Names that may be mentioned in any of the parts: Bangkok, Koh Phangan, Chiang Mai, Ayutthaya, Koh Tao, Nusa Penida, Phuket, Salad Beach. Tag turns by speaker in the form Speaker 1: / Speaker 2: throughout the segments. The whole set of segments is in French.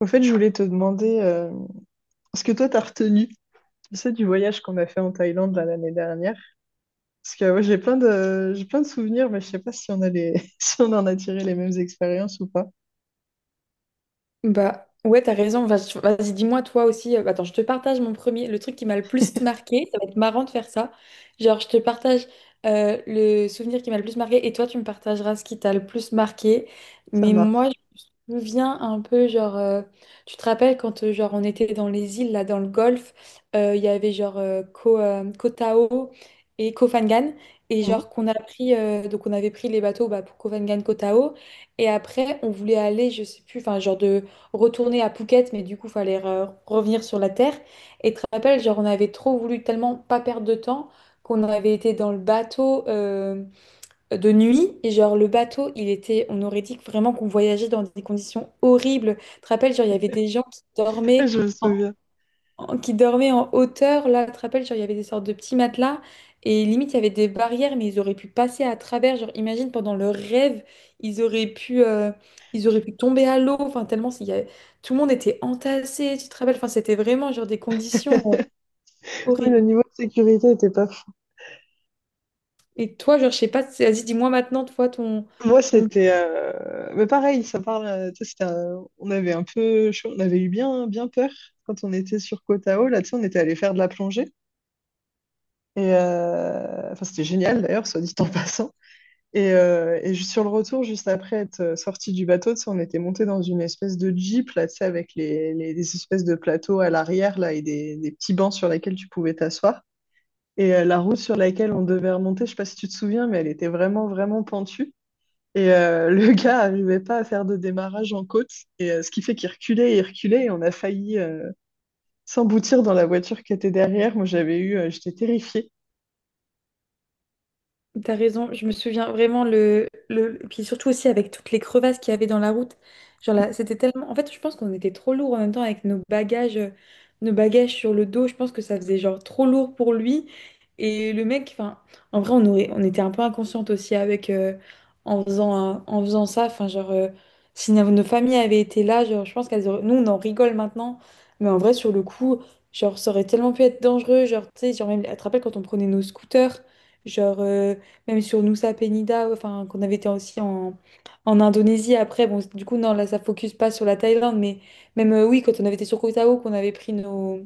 Speaker 1: Au fait, je voulais te demander ce que toi t'as retenu, tu sais, du voyage qu'on a fait en Thaïlande là, l'année dernière. Parce que ouais, j'ai plein de souvenirs, mais je sais pas si si on en a tiré les mêmes expériences ou pas.
Speaker 2: Bah ouais, t'as raison. Vas-y, dis-moi toi aussi. Attends, je te partage mon premier, le truc qui m'a le plus marqué. Ça va être marrant de faire ça. Genre, je te partage le souvenir qui m'a le plus marqué, et toi, tu me partageras ce qui t'a le plus marqué.
Speaker 1: Ça
Speaker 2: Mais
Speaker 1: marche.
Speaker 2: moi, me vient un peu genre tu te rappelles quand genre on était dans les îles là, dans le Golfe, il y avait genre Koh Tao et Koh Phangan, et
Speaker 1: Mhm.
Speaker 2: genre qu'on a pris donc on avait pris les bateaux bah, pour Koh Phangan Koh Tao, et après on voulait aller je sais plus enfin genre de retourner à Phuket, mais du coup fallait revenir sur la terre. Et tu te rappelles, genre on avait trop voulu tellement pas perdre de temps qu'on avait été dans le bateau de nuit, et genre le bateau il était, on aurait dit que vraiment qu'on voyageait dans des conditions horribles. Tu te rappelles, genre il y avait des gens qui
Speaker 1: Ouais,
Speaker 2: dormaient
Speaker 1: je me
Speaker 2: en,
Speaker 1: souviens.
Speaker 2: qui dormaient en hauteur là. Tu te rappelles, genre il y avait des sortes de petits matelas, et limite il y avait des barrières, mais ils auraient pu passer à travers, genre imagine pendant leur rêve, ils auraient pu euh, ils auraient pu tomber à l'eau, enfin tellement tout le monde était entassé. Tu te rappelles, enfin c'était vraiment genre des conditions
Speaker 1: Oui, le
Speaker 2: horribles.
Speaker 1: niveau de sécurité était pas fou.
Speaker 2: Et toi, genre je sais pas, vas-y, dis-moi maintenant toi ton
Speaker 1: Moi,
Speaker 2: ton
Speaker 1: c'était, mais pareil, ça parle. Tu sais, on avait eu bien, bien peur quand on était sur Koh Tao. Là, tu sais, on était allé faire de la plongée. Et enfin, c'était génial d'ailleurs, soit dit en passant. Et sur le retour, juste après être sorti du bateau, tu sais, on était monté dans une espèce de jeep, là, tu sais, avec des espèces de plateaux à l'arrière, là, et des petits bancs sur lesquels tu pouvais t'asseoir. Et la route sur laquelle on devait remonter, je sais pas si tu te souviens, mais elle était vraiment, vraiment pentue. Et le gars arrivait pas à faire de démarrage en côte, et ce qui fait qu'il reculait et il reculait, et on a failli s'emboutir dans la voiture qui était derrière. Moi, j'étais terrifiée.
Speaker 2: T'as raison, je me souviens vraiment le, le… Puis surtout aussi avec toutes les crevasses qu'il y avait dans la route. Genre là, c'était tellement… En fait, je pense qu'on était trop lourd en même temps avec nos bagages sur le dos. Je pense que ça faisait genre trop lourd pour lui. Et le mec, enfin, en vrai, on aurait… on était un peu inconsciente aussi avec… en faisant, en faisant ça, enfin, genre… si nos nos familles avaient été là, genre, je pense qu'elles auraient… Nous, on en rigole maintenant. Mais en vrai, sur le coup, genre, ça aurait tellement pu être dangereux. Genre, tu sais, genre, même… Tu te rappelles quand on prenait nos scooters, genre… même sur Nusa Penida, enfin, qu'on avait été aussi en, en Indonésie. Après, bon, du coup, non, là, ça focus pas sur la Thaïlande, mais même, oui, quand on avait été sur Koh Tao, qu'on avait pris nos,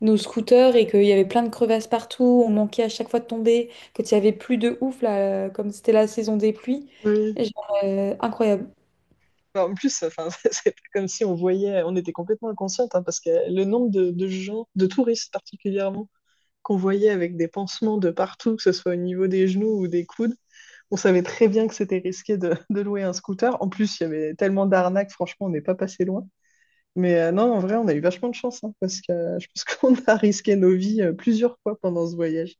Speaker 2: nos scooters, et qu'il y avait plein de crevasses partout, on manquait à chaque fois de tomber, quand il y avait plus de ouf, là, comme c'était la saison des pluies.
Speaker 1: Oui.
Speaker 2: Genre, incroyable.
Speaker 1: Bah, en plus, enfin, c'est pas comme si on voyait, on était complètement inconsciente, hein, parce que le nombre de gens, de touristes particulièrement, qu'on voyait avec des pansements de partout, que ce soit au niveau des genoux ou des coudes, on savait très bien que c'était risqué de louer un scooter. En plus, il y avait tellement d'arnaques, franchement, on n'est pas passé loin. Mais non, en vrai, on a eu vachement de chance, hein, parce que je pense qu'on a risqué nos vies plusieurs fois pendant ce voyage.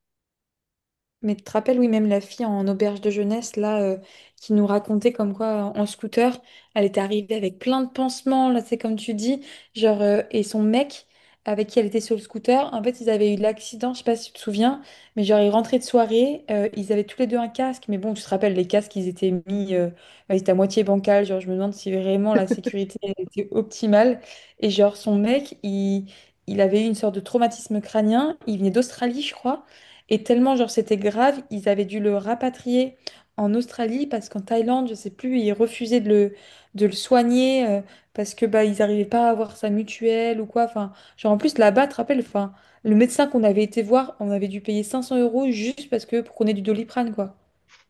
Speaker 2: Mais tu te rappelles, oui, même la fille en auberge de jeunesse, là, qui nous racontait comme quoi, en scooter, elle était arrivée avec plein de pansements, là, c'est comme tu dis, genre, et son mec, avec qui elle était sur le scooter, en fait, ils avaient eu de l'accident, je sais pas si tu te souviens, mais genre, ils rentraient de soirée, ils avaient tous les deux un casque, mais bon, tu te rappelles, les casques, ils étaient mis, bah, ils étaient à moitié bancal, genre, je me demande si vraiment la sécurité elle était optimale, et genre, son mec, il… Il avait eu une sorte de traumatisme crânien. Il venait d'Australie, je crois. Et tellement, genre, c'était grave, ils avaient dû le rapatrier en Australie parce qu'en Thaïlande, je sais plus, ils refusaient de le soigner parce que bah, ils n'arrivaient pas à avoir sa mutuelle ou quoi. Enfin, genre, en plus, là-bas, tu te rappelles, enfin, le médecin qu'on avait été voir, on avait dû payer 500 euros juste parce que pour qu'on ait du Doliprane, quoi.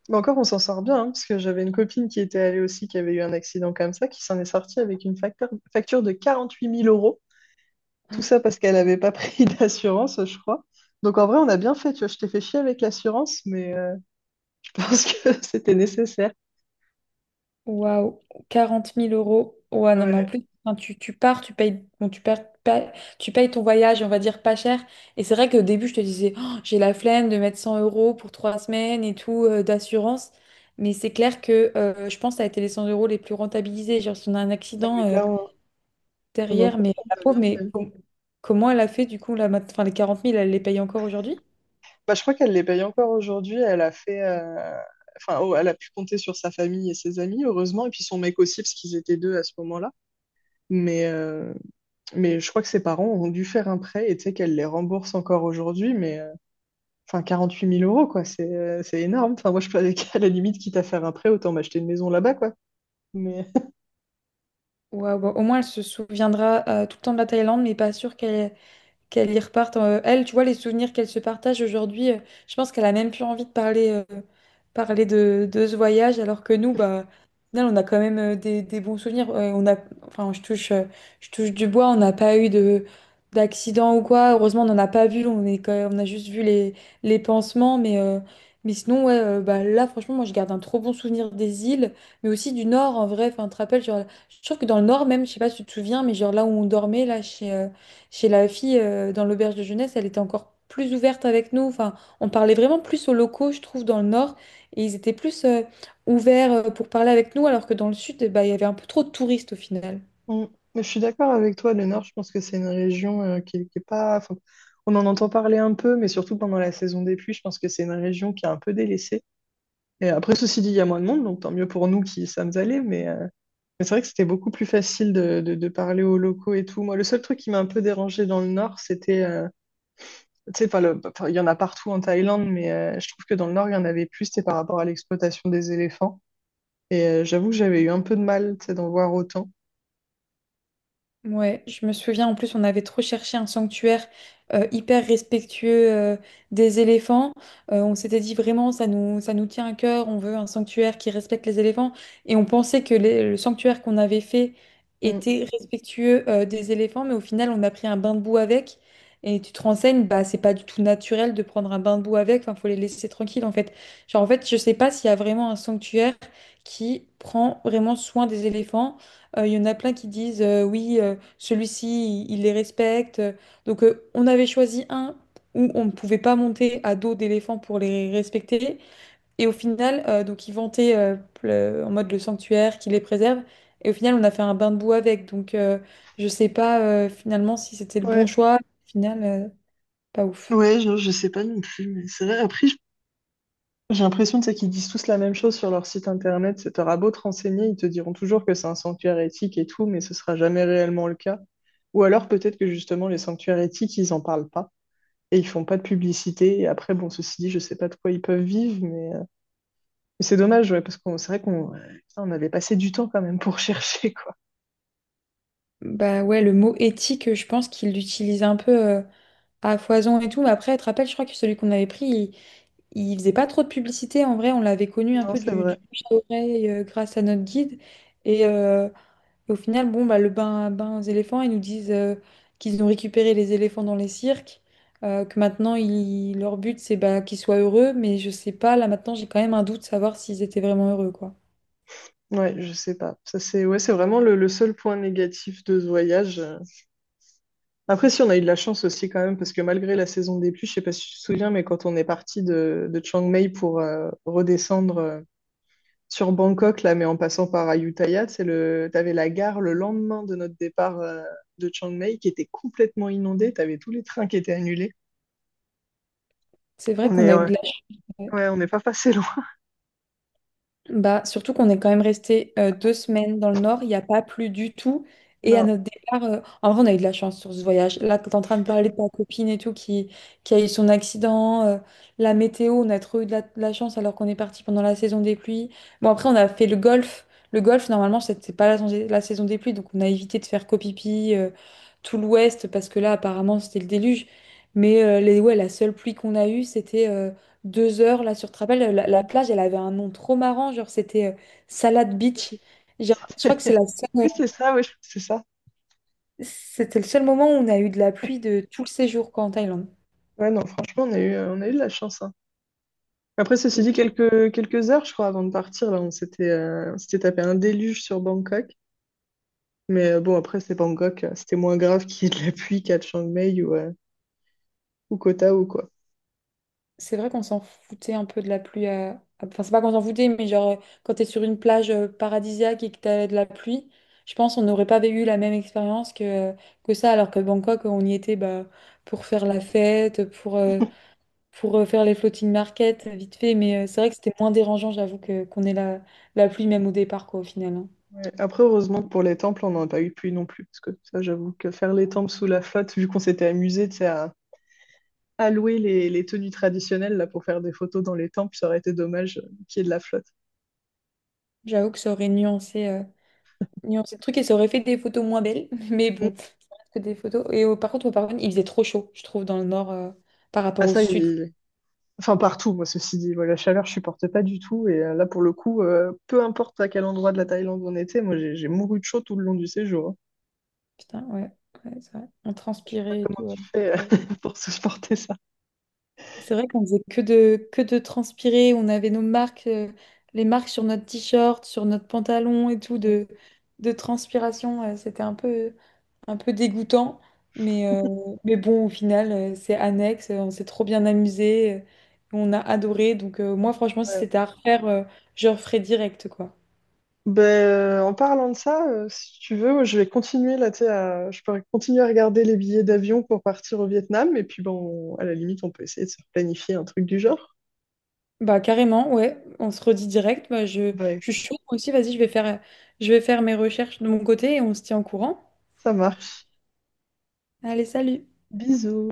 Speaker 1: Mais encore, on s'en sort bien, hein, parce que j'avais une copine qui était allée aussi, qui avait eu un accident comme ça, qui s'en est sortie avec une facture de 48 000 euros. Tout ça parce qu'elle n'avait pas pris d'assurance, je crois. Donc en vrai, on a bien fait, tu vois, je t'ai fait chier avec l'assurance, mais je pense que c'était nécessaire.
Speaker 2: Waouh, 40 000 euros. Ouais, non, mais en
Speaker 1: Ouais,
Speaker 2: plus, quand tu pars, tu payes, bon, tu payes ton voyage, on va dire pas cher. Et c'est vrai qu'au début, je te disais, « Oh, j'ai la flemme de mettre 100 euros pour 3 semaines et tout d'assurance. » Mais c'est clair que je pense que ça a été les 100 euros les plus rentabilisés. Genre, si on a un
Speaker 1: ah,
Speaker 2: accident
Speaker 1: mais là, on... non, non,
Speaker 2: derrière, mais
Speaker 1: franchement,
Speaker 2: la
Speaker 1: on a
Speaker 2: pauvre,
Speaker 1: bien
Speaker 2: mais
Speaker 1: fait.
Speaker 2: comment elle a fait du coup, là, enfin, les 40 000, elle les paye encore aujourd'hui?
Speaker 1: Bah, je crois qu'elle les paye encore aujourd'hui. Enfin, oh, elle a pu compter sur sa famille et ses amis, heureusement, et puis son mec aussi, parce qu'ils étaient deux à ce moment-là. Mais, euh, mais je crois que ses parents ont dû faire un prêt et tu sais qu'elle les rembourse encore aujourd'hui, mais enfin 8 000 euros, quoi, c'est énorme. Enfin, moi, je peux, à la limite, quitte à faire un prêt, autant m'acheter une maison là-bas, quoi. Mais,
Speaker 2: Waouh, bah, au moins, elle se souviendra tout le temps de la Thaïlande, mais pas sûr qu'elle y reparte. Elle, tu vois, les souvenirs qu'elle se partage aujourd'hui, je pense qu'elle a même plus envie de parler, parler de ce voyage, alors que nous, bah, au final, on a quand même des bons souvenirs. On a, enfin, je touche du bois, on n'a pas eu de d'accident ou quoi. Heureusement, on n'en a pas vu. On est quand on a juste vu les pansements, mais mais sinon, ouais, bah là, franchement, moi, je garde un trop bon souvenir des îles, mais aussi du Nord, en vrai. Enfin, tu te rappelles, genre, je trouve que dans le Nord, même, je sais pas si tu te souviens, mais genre là où on dormait, là, chez, chez la fille, dans l'auberge de jeunesse, elle était encore plus ouverte avec nous. Enfin, on parlait vraiment plus aux locaux, je trouve, dans le nord. Et ils étaient plus ouverts pour parler avec nous, alors que dans le sud, eh ben, il y avait un peu trop de touristes au final.
Speaker 1: mm. Mais je suis d'accord avec toi, le Nord, je pense que c'est une région qui est pas, enfin, on en entend parler un peu, mais surtout pendant la saison des pluies, je pense que c'est une région qui est un peu délaissée. Et après, ceci dit, il y a moins de monde, donc tant mieux pour nous qui sommes allés. Mais c'est vrai que c'était beaucoup plus facile de parler aux locaux et tout. Moi, le seul truc qui m'a un peu dérangé dans le Nord, c'était, tu sais, enfin, il y en a partout en Thaïlande, mais je trouve que dans le Nord, il y en avait plus, c'était par rapport à l'exploitation des éléphants. Et j'avoue que j'avais eu un peu de mal, tu sais, d'en voir autant.
Speaker 2: Ouais, je me souviens, en plus on avait trop cherché un sanctuaire hyper respectueux des éléphants. On s'était dit vraiment ça nous tient à cœur, on veut un sanctuaire qui respecte les éléphants. Et on pensait que le sanctuaire qu'on avait fait
Speaker 1: Mm.
Speaker 2: était respectueux des éléphants, mais au final on a pris un bain de boue avec. Et tu te renseignes, bah c'est pas du tout naturel de prendre un bain de boue avec, enfin faut les laisser tranquilles en fait. Genre en fait je sais pas s'il y a vraiment un sanctuaire qui prend vraiment soin des éléphants. Il y en a plein qui disent oui, celui-ci, il les respecte. Donc, on avait choisi un où on ne pouvait pas monter à dos d'éléphant pour les respecter. Et au final, donc, ils vantaient en mode le sanctuaire qui les préserve. Et au final, on a fait un bain de boue avec. Donc, je sais pas finalement si c'était le bon
Speaker 1: Ouais,
Speaker 2: choix. Au final, pas ouf.
Speaker 1: ouais, je sais pas non plus, mais c'est vrai. Après, j'ai l'impression, tu sais, qu'ils disent tous la même chose sur leur site internet. T'auras beau te renseigner, ils te diront toujours que c'est un sanctuaire éthique et tout, mais ce sera jamais réellement le cas. Ou alors peut-être que justement les sanctuaires éthiques, ils en parlent pas et ils font pas de publicité. Et après, bon, ceci dit, je sais pas de quoi ils peuvent vivre, mais c'est dommage, ouais, parce qu'on c'est vrai qu'on putain, on avait passé du temps quand même pour chercher, quoi.
Speaker 2: Bah ouais, le mot éthique, je pense qu'il l'utilisait un peu à foison et tout. Mais après, tu te rappelles, je crois que celui qu'on avait pris, il faisait pas trop de publicité, en vrai, on l'avait connu un
Speaker 1: Non,
Speaker 2: peu
Speaker 1: c'est
Speaker 2: du
Speaker 1: vrai.
Speaker 2: bouche à oreille grâce à notre guide. Et au final, bon, bah, le bain aux éléphants, ils nous disent qu'ils ont récupéré les éléphants dans les cirques, que maintenant leur but c'est bah, qu'ils soient heureux, mais je sais pas, là maintenant j'ai quand même un doute de savoir s'ils étaient vraiment heureux, quoi.
Speaker 1: Ouais, je sais pas. Ça, c'est, ouais, c'est vraiment le seul point négatif de ce voyage. Après, si on a eu de la chance aussi quand même, parce que malgré la saison des pluies, je sais pas si tu te souviens, mais quand on est parti de Chiang Mai pour redescendre sur Bangkok, là, mais en passant par Ayutthaya, t'avais la gare le lendemain de notre départ de Chiang Mai qui était complètement inondée, t'avais tous les trains qui étaient annulés.
Speaker 2: C'est vrai qu'on a eu
Speaker 1: Ouais,
Speaker 2: de la chance.
Speaker 1: ouais, on n'est pas passé loin.
Speaker 2: Bah, surtout qu'on est quand même resté 2 semaines dans le nord, il n'y a pas plu du tout. Et à
Speaker 1: Non.
Speaker 2: notre départ, en vrai, on a eu de la chance sur ce voyage. Là, tu es en train de parler de ta copine et tout qui a eu son accident, la météo, on a trop eu de la chance alors qu'on est parti pendant la saison des pluies. Bon, après, on a fait le golf. Le golf, normalement, c'était pas la, saison des pluies, donc on a évité de faire copipi tout l'ouest parce que là, apparemment, c'était le déluge. Mais les, ouais, la seule pluie qu'on a eue, c'était. 2 heures là sur, tu te rappelles, la plage elle avait un nom trop marrant, genre c'était Salad Beach.
Speaker 1: Je-
Speaker 2: Genre, je crois que c'est la
Speaker 1: Oui, c'est ça, oui, c'est ça.
Speaker 2: c'était le seul moment où on a eu de la pluie de tout le séjour, quoi, en Thaïlande.
Speaker 1: Ouais, non, franchement, on a eu de la chance, hein. Après, ceci dit,
Speaker 2: Donc,
Speaker 1: quelques heures, je crois, avant de partir, là, on s'était tapé un déluge sur Bangkok. Mais bon, après, c'est Bangkok, c'était moins grave qu'il y ait de la pluie qu'à Chiang Mai ou Koh Tao, quoi.
Speaker 2: c'est vrai qu'on s'en foutait un peu de la pluie enfin c'est pas qu'on s'en foutait, mais genre quand t'es sur une plage paradisiaque et que t'as de la pluie, je pense qu'on n'aurait pas eu la même expérience que ça, alors que Bangkok on y était bah pour faire la fête, pour faire les floating market vite fait, mais c'est vrai que c'était moins dérangeant, j'avoue, que qu'on ait la, la pluie même au départ, quoi, au final, hein.
Speaker 1: Ouais. Après, heureusement que pour les temples, on n'en a pas eu de pluie non plus, parce que ça, j'avoue que faire les temples sous la flotte, vu qu'on s'était amusé, tu sais, à louer les tenues traditionnelles là, pour faire des photos dans les temples, ça aurait été dommage qu'il y ait de la flotte.
Speaker 2: J'avoue que ça aurait nuancé, nuancé le truc et ça aurait fait des photos moins belles, mais
Speaker 1: Mm.
Speaker 2: bon, que des photos. Et par contre, au Paraguay, il faisait trop chaud, je trouve, dans le nord par rapport
Speaker 1: Ah
Speaker 2: au
Speaker 1: ça,
Speaker 2: sud.
Speaker 1: enfin partout, moi, ceci dit, moi, la chaleur, je supporte pas du tout, et là, pour le coup, peu importe à quel endroit de la Thaïlande on était, moi, j'ai mouru de chaud tout le long du séjour, hein.
Speaker 2: Putain, ouais, ouais, c'est vrai. On
Speaker 1: Je sais pas
Speaker 2: transpirait et
Speaker 1: comment
Speaker 2: tout, ouais.
Speaker 1: tu fais
Speaker 2: Ouais.
Speaker 1: pour supporter ça.
Speaker 2: C'est vrai qu'on faisait que de transpirer, on avait nos marques, les marques sur notre t-shirt, sur notre pantalon et tout,
Speaker 1: Mm.
Speaker 2: de transpiration, c'était un peu. Un peu dégoûtant, mais, euh, mais bon, au final, c'est annexe, on s'est trop bien amusé, on a adoré, donc moi, franchement, si
Speaker 1: Ouais.
Speaker 2: c'était à refaire, je referais direct, quoi.
Speaker 1: Ben, en parlant de ça, si tu veux, je vais continuer là, tu sais, je pourrais continuer à regarder les billets d'avion pour partir au Vietnam, et puis bon, à la limite, on peut essayer de se planifier un truc du genre.
Speaker 2: Bah, carrément, ouais, on se redit direct, bah,
Speaker 1: Ouais,
Speaker 2: je suis chaude, moi aussi, vas-y, je vais je vais faire mes recherches de mon côté et on se tient au courant.
Speaker 1: ça marche.
Speaker 2: Allez, salut!
Speaker 1: Bisous.